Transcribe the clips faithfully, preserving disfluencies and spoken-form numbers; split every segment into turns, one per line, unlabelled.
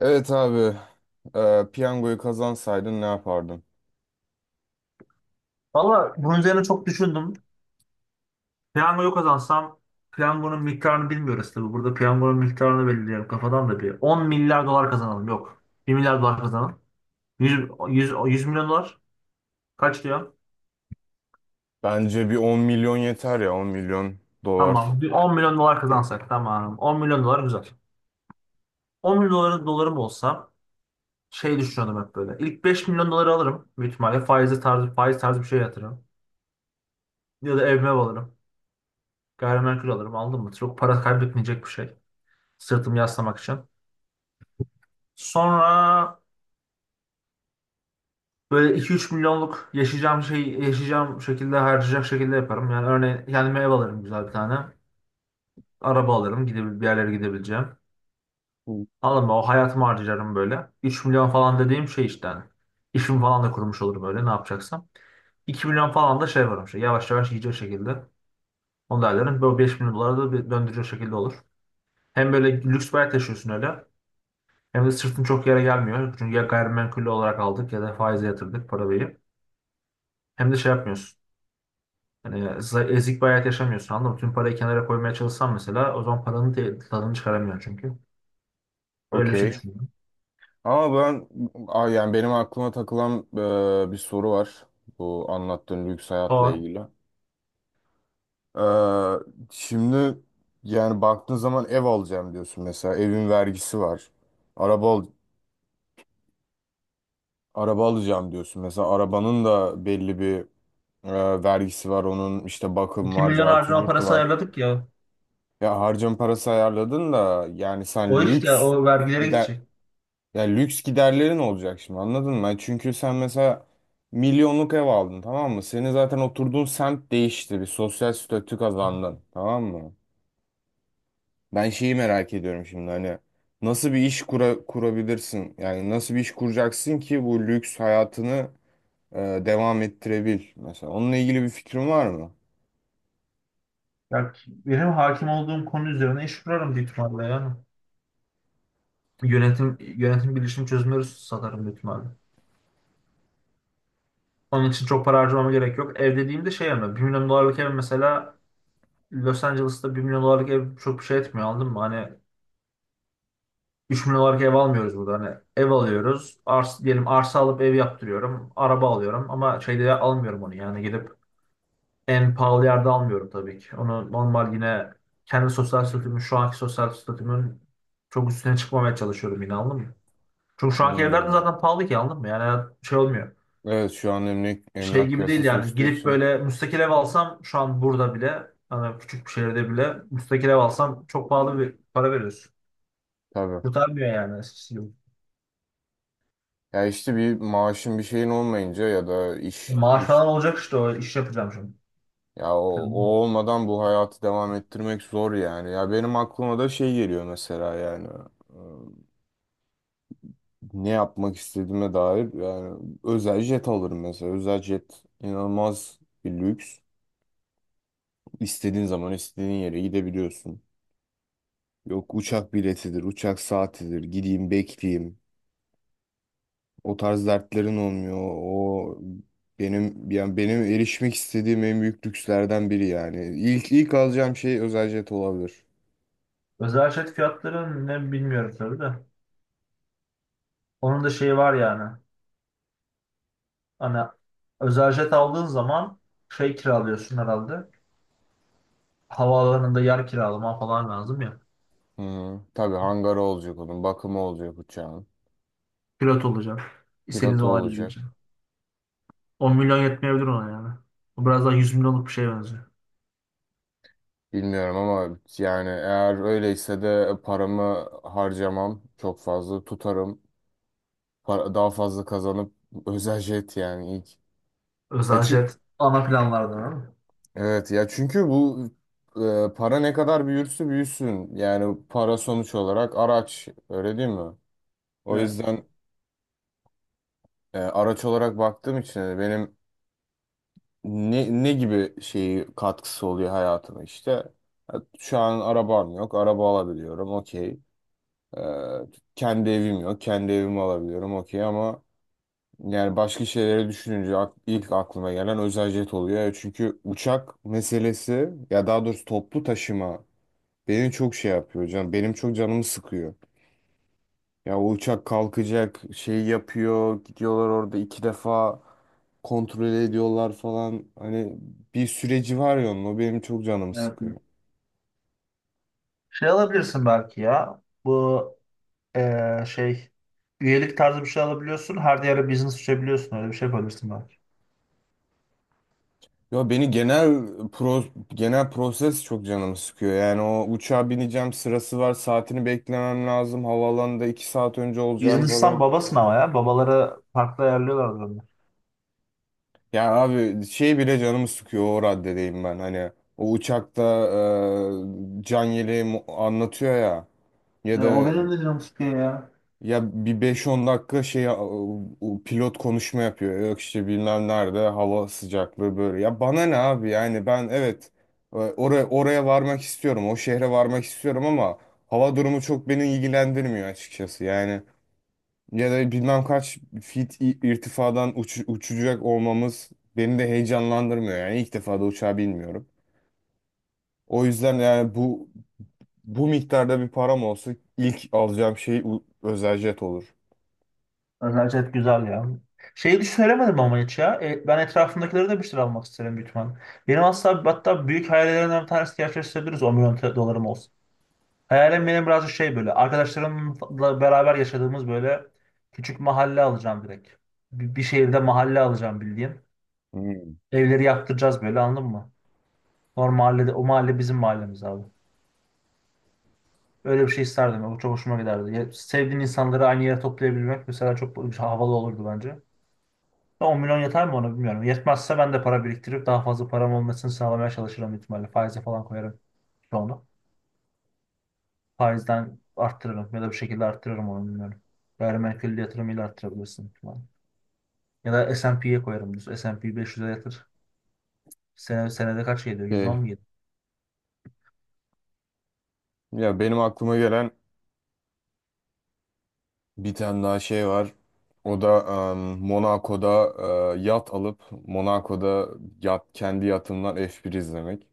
Evet abi. Ee, piyangoyu kazansaydın ne yapardın?
Valla bunun üzerine çok düşündüm. Piyangoyu kazansam piyangonun miktarını bilmiyoruz tabii. Burada piyangonun miktarını belirleyelim kafadan da bir. on milyar dolar kazanalım. Yok, bir milyar dolar kazanalım. yüz, yüz, yüz milyon dolar kaç diyor?
Bence bir on milyon yeter ya on milyon dolar.
Tamam. Bir on milyon dolar kazansak tamam. on milyon dolar güzel. on milyon dolar, dolarım olsa şey düşünüyordum hep böyle. İlk beş milyon doları alırım. Büyük ihtimalle faize tarzı, faiz tarzı bir şey yatırırım. Ya da evime alırım. Gayrimenkul alırım. Aldım mı? Çok para kaybetmeyecek bir şey. Sırtımı yaslamak için. Sonra böyle iki üç milyonluk yaşayacağım şey yaşayacağım şekilde harcayacak şekilde yaparım. Yani örneğin kendime ev alırım güzel bir tane. Araba alırım gidebil bir yerlere gidebileceğim.
Hı.
Alırım, o hayatımı harcarım böyle. Üç milyon falan dediğim şey işte hani. İşimi falan da kurmuş olurum öyle ne yapacaksam. İki milyon falan da şey yaparım şey yavaş yavaş yiyecek şekilde. Onu da ederim. Böyle beş milyon dolara da bir döndürecek şekilde olur. Hem böyle lüks bir hayat yaşıyorsun öyle. Hem de sırtın çok yere gelmiyor. Çünkü ya gayrimenkul olarak aldık ya da faize yatırdık parayı. Hem de şey yapmıyorsun. Hani za- ezik bir hayat yaşamıyorsun anladın mı? Tüm parayı kenara koymaya çalışsan mesela o zaman paranın te- tadını çıkaramıyorsun çünkü. Öyle bir şey
Okey.
düşünüyorum.
Ama ben... Aa, yani benim aklıma takılan e, bir soru var. Bu anlattığın lüks hayatla
Doğru.
ilgili. Ee, şimdi yani baktığın zaman ev alacağım diyorsun mesela. Evin vergisi var. Araba al araba alacağım diyorsun mesela. Arabanın da belli bir e, vergisi var. Onun işte bakım
iki
var,
milyon
cartı
harcama
curtu
parası
var.
ayarladık ya.
Ya harcama parası ayarladın da yani
O
sen
işte
lüks
o vergilere
gider
gidecek.
ya lüks giderlerin olacak şimdi, anladın mı? Yani çünkü sen mesela milyonluk ev aldın, tamam mı? Senin zaten oturduğun semt değişti, bir sosyal statü kazandın, tamam mı? Ben şeyi merak ediyorum şimdi, hani nasıl bir iş kura, kurabilirsin? Yani nasıl bir iş kuracaksın ki bu lüks hayatını e, devam ettirebil mesela? Onunla ilgili bir fikrin var mı?
Ya benim hakim olduğum konu üzerine iş kurarım büyük ihtimalle yani. Yönetim, yönetim bilişim çözümleri satarım büyük ihtimalle. Onun için çok para harcamama gerek yok. Ev dediğimde şey yani, bir milyon dolarlık ev mesela, Los Angeles'ta bir milyon dolarlık ev çok bir şey etmiyor anladın mı? Hani üç milyon olarak ev almıyoruz burada. Hani ev alıyoruz. Ars, diyelim arsa alıp ev yaptırıyorum. Araba alıyorum ama şeyde almıyorum onu. Yani gidip en pahalı yerde almıyorum tabii ki. Onu normal yine kendi sosyal statümün, şu anki sosyal statümün çok üstüne çıkmamaya çalışıyorum yine anladın mı? Çünkü şu anki evler de
Hmm.
zaten pahalı ki anladın mı? Yani şey olmuyor.
Evet, şu an emlak,
Şey
emlak
gibi değil
piyasası
yani
uçtuğu
gidip
için
böyle müstakil ev alsam şu an burada bile hani küçük bir şehirde bile müstakil ev alsam çok pahalı bir para veriyorsun.
tabii.
Kurtarmıyor yani, eskisi gibi.
Ya işte bir maaşın bir şeyin olmayınca ya da iş
Maaş
iş
falan olacak işte o iş yapacağım şimdi.
ya o, o
Hı.
olmadan bu hayatı devam ettirmek zor yani. Ya benim aklıma da şey geliyor mesela, yani e, ne yapmak istediğime dair, yani özel jet alırım mesela. Özel jet inanılmaz bir lüks. İstediğin zaman istediğin yere gidebiliyorsun. Yok uçak biletidir, uçak saatidir. Gideyim bekleyeyim. O tarz dertlerin olmuyor. O benim, yani benim erişmek istediğim en büyük lükslerden biri yani. İlk ilk alacağım şey özel jet olabilir.
Özel jet fiyatları ne bilmiyorum tabii de. Onun da şeyi var yani. Hani özel jet aldığın zaman şey kiralıyorsun herhalde. Havaalanında yer kiralama falan lazım ya.
Hı hı. Tabii hangarı olacak onun, bakımı olacak uçağın,
Pilot olacaksın. İstediğin
pilotu
zaman
olacak.
gideceksin. on milyon yetmeyebilir ona yani. Bu biraz daha yüz milyonluk bir şeye benziyor.
Bilmiyorum ama yani eğer öyleyse de paramı harcamam, çok fazla tutarım. Para, daha fazla kazanıp özel jet yani ilk. Ya
Özel
çünkü...
jet ana planlardan ama.
Evet ya çünkü bu e, para ne kadar büyürse büyüsün, yani para sonuç olarak araç, öyle değil mi? O
Evet,
yüzden e, araç olarak baktığım için hani benim ne, ne gibi şeyi katkısı oluyor hayatıma işte. E, Şu an arabam yok, araba alabiliyorum, okey. E, kendi evim yok, kendi evimi alabiliyorum, okey ama yani başka şeyleri düşününce ak- ilk aklıma gelen özel jet oluyor. E, Çünkü uçak meselesi, ya daha doğrusu toplu taşıma benim çok şey yapıyor hocam. Benim çok canımı sıkıyor. Ya o uçak kalkacak şey yapıyor. Gidiyorlar orada iki defa kontrol ediyorlar falan. Hani bir süreci var ya onun. O benim çok canımı
evet, evet.
sıkıyor.
Şey alabilirsin belki ya. Bu Ee, şey üyelik tarzı bir şey alabiliyorsun. Her yere business açabiliyorsun. Öyle bir şey yapabilirsin belki.
Ya beni genel pro, genel proses çok canımı sıkıyor. Yani o uçağa bineceğim, sırası var. Saatini beklemem lazım. Havaalanında iki saat önce olacağım
Business'tan
falan.
babasın ama ya. Babalara farklı ayarlıyorlar bunu.
Ya abi şey bile canımı sıkıyor, o raddedeyim ben, hani o uçakta e, can yeleği mu- anlatıyor ya,
E,
ya
o
da
benim de canım sıkıyor ya.
ya bir beş on dakika şey e, o pilot konuşma yapıyor, yok işte bilmem nerede hava sıcaklığı böyle, ya bana ne abi yani, ben evet e, oraya oraya varmak istiyorum, o şehre varmak istiyorum ama hava durumu çok beni ilgilendirmiyor açıkçası yani, ya da bilmem kaç fit i- irtifadan uç- uçacak olmamız beni de heyecanlandırmıyor. Yani ilk defa da uçağa binmiyorum. O yüzden yani bu bu miktarda bir param olsa ilk alacağım şey u- özel jet olur.
Özellikle güzel ya. Şeyi hiç söylemedim ama hiç ya. E, ben etrafımdakileri de bir şeyler almak isterim büyük ihtimalle. Benim aslında hatta büyük hayallerimden bir tanesi gerçekleştirebiliriz on milyon te- dolarım olsun. Hayalim benim biraz şey böyle. Arkadaşlarımla beraber yaşadığımız böyle küçük mahalle alacağım direkt. Bir, bir şehirde mahalle alacağım bildiğin.
Hmm.
Evleri yaktıracağız böyle anladın mı? Normal mahallede, o mahalle bizim mahallemiz abi. Öyle bir şey isterdim. O çok hoşuma giderdi. Ya, sevdiğin insanları aynı yere toplayabilmek mesela çok havalı olurdu bence. on milyon yeter mi ona bilmiyorum. Yetmezse ben de para biriktirip daha fazla param olmasını sağlamaya çalışırım büyük ihtimalle. Faize falan koyarım onu. Faizden arttırırım ya da bir şekilde arttırırım onu bilmiyorum. Gayrimenkul yatırımıyla arttırabilirsin falan. Ya da S ve P'ye koyarım, düz S ve P beş yüze yatır. Sene, senede kaç geliyor? yüz on
Şey,
mu geliyor?
ya benim aklıma gelen bir tane daha şey var. O da em, Monaco'da e, yat alıp Monaco'da yat, kendi yatımdan F bir izlemek.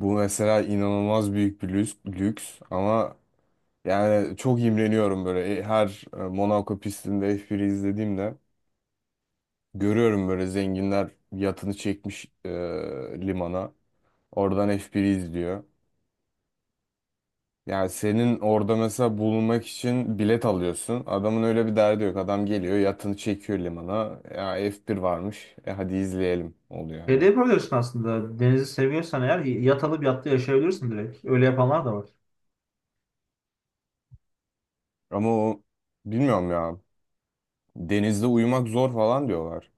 Bu mesela inanılmaz büyük bir lüks, lüks ama... Yani çok imreniyorum böyle. E, her e, Monaco pistinde F bir'i izlediğimde görüyorum böyle zenginler yatını çekmiş e, limana. Oradan F bir'i izliyor. Yani senin orada mesela bulunmak için bilet alıyorsun. Adamın öyle bir derdi yok. Adam geliyor, yatını çekiyor limana. Ya F bir varmış. E hadi izleyelim oluyor
Şey
yani.
de yapabilirsin aslında. Denizi seviyorsan eğer yat alıp yatta yaşayabilirsin direkt. Öyle yapanlar da var.
Ama o bilmiyorum ya. Denizde uyumak zor falan diyorlar.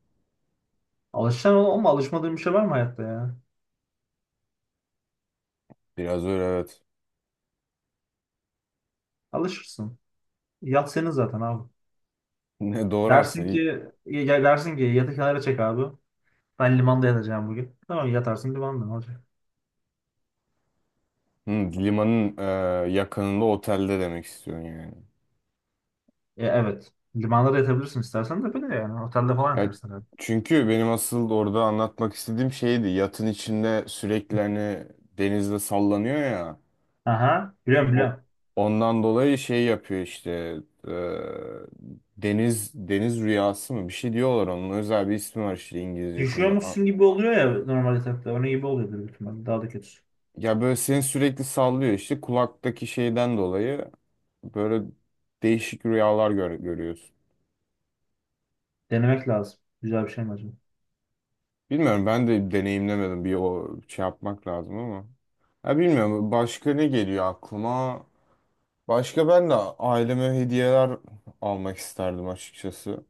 Alışacaksın oğlum ama alışmadığın bir şey var mı hayatta ya?
Biraz öyle, evet.
Alışırsın. Yat senin zaten abi.
Ne doğru
Dersin ki
aslında.
ya- dersin ki yatı kenara çek abi. Ben limanda yatacağım bugün. Tamam yatarsın limanda ne olacak?
Hı, limanın e, yakınında otelde demek istiyorsun yani.
E, evet. Limanda da yatabilirsin istersen de böyle yani. Otelde falan
Ya,
yatarsın herhalde.
çünkü benim asıl orada anlatmak istediğim şeydi. Yatın içinde sürekli hani denizde sallanıyor ya.
Aha, biliyorum
O
biliyorum.
ondan dolayı şey yapıyor işte. e, deniz deniz rüyası mı? Bir şey diyorlar onun. Özel bir ismi var işte İngilizce şimdi. A-
Düşüyormuşsun gibi oluyor ya normal yatakta. Onun gibi oluyordur büyük ihtimalle. Daha da kötüsü.
Ya böyle seni sürekli sallıyor işte, kulaktaki şeyden dolayı böyle değişik rüyalar gör görüyorsun.
Denemek lazım. Güzel bir şey mi acaba?
Bilmiyorum, ben de deneyimlemedim, bir o şey yapmak lazım ama. Ha, bilmiyorum, başka ne geliyor aklıma? Başka ben de aileme hediyeler almak isterdim açıkçası.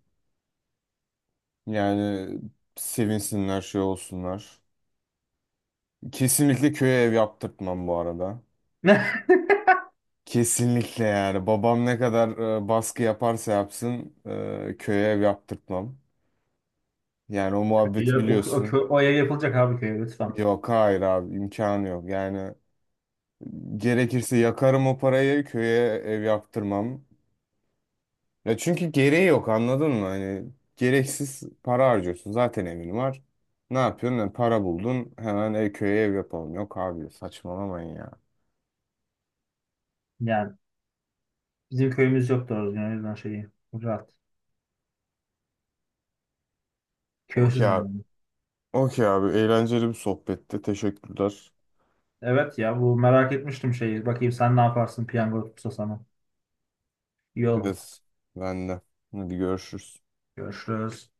Yani sevinsinler, şey olsunlar. Kesinlikle köye ev yaptırtmam bu arada. Kesinlikle, yani babam ne kadar e, baskı yaparsa yapsın e, köye ev yaptırtmam. Yani o muhabbeti
Ya, O, o,
biliyorsun.
kö- o ev yapılacak abi köye lütfen.
Yok, hayır abi, imkanı yok yani. Gerekirse yakarım o parayı, köye ev yaptırmam. Ya çünkü gereği yok, anladın mı? Hani gereksiz para harcıyorsun, zaten evin var. Ne yapıyorsun? Yani para buldun hemen ev, köye ev yapalım. Yok abi, saçmalamayın ya.
Yani bizim köyümüz yok doğru düzgün, o yüzden şeyi rahat.
Okey
Köysüzüm
abi.
ben.
Okey abi, eğlenceli bir sohbetti. Teşekkürler.
Evet ya bu merak etmiştim şeyi. Bakayım sen ne yaparsın piyango tutsa sana. İyi oldu.
Evet, ben de. Hadi görüşürüz.
Görüşürüz.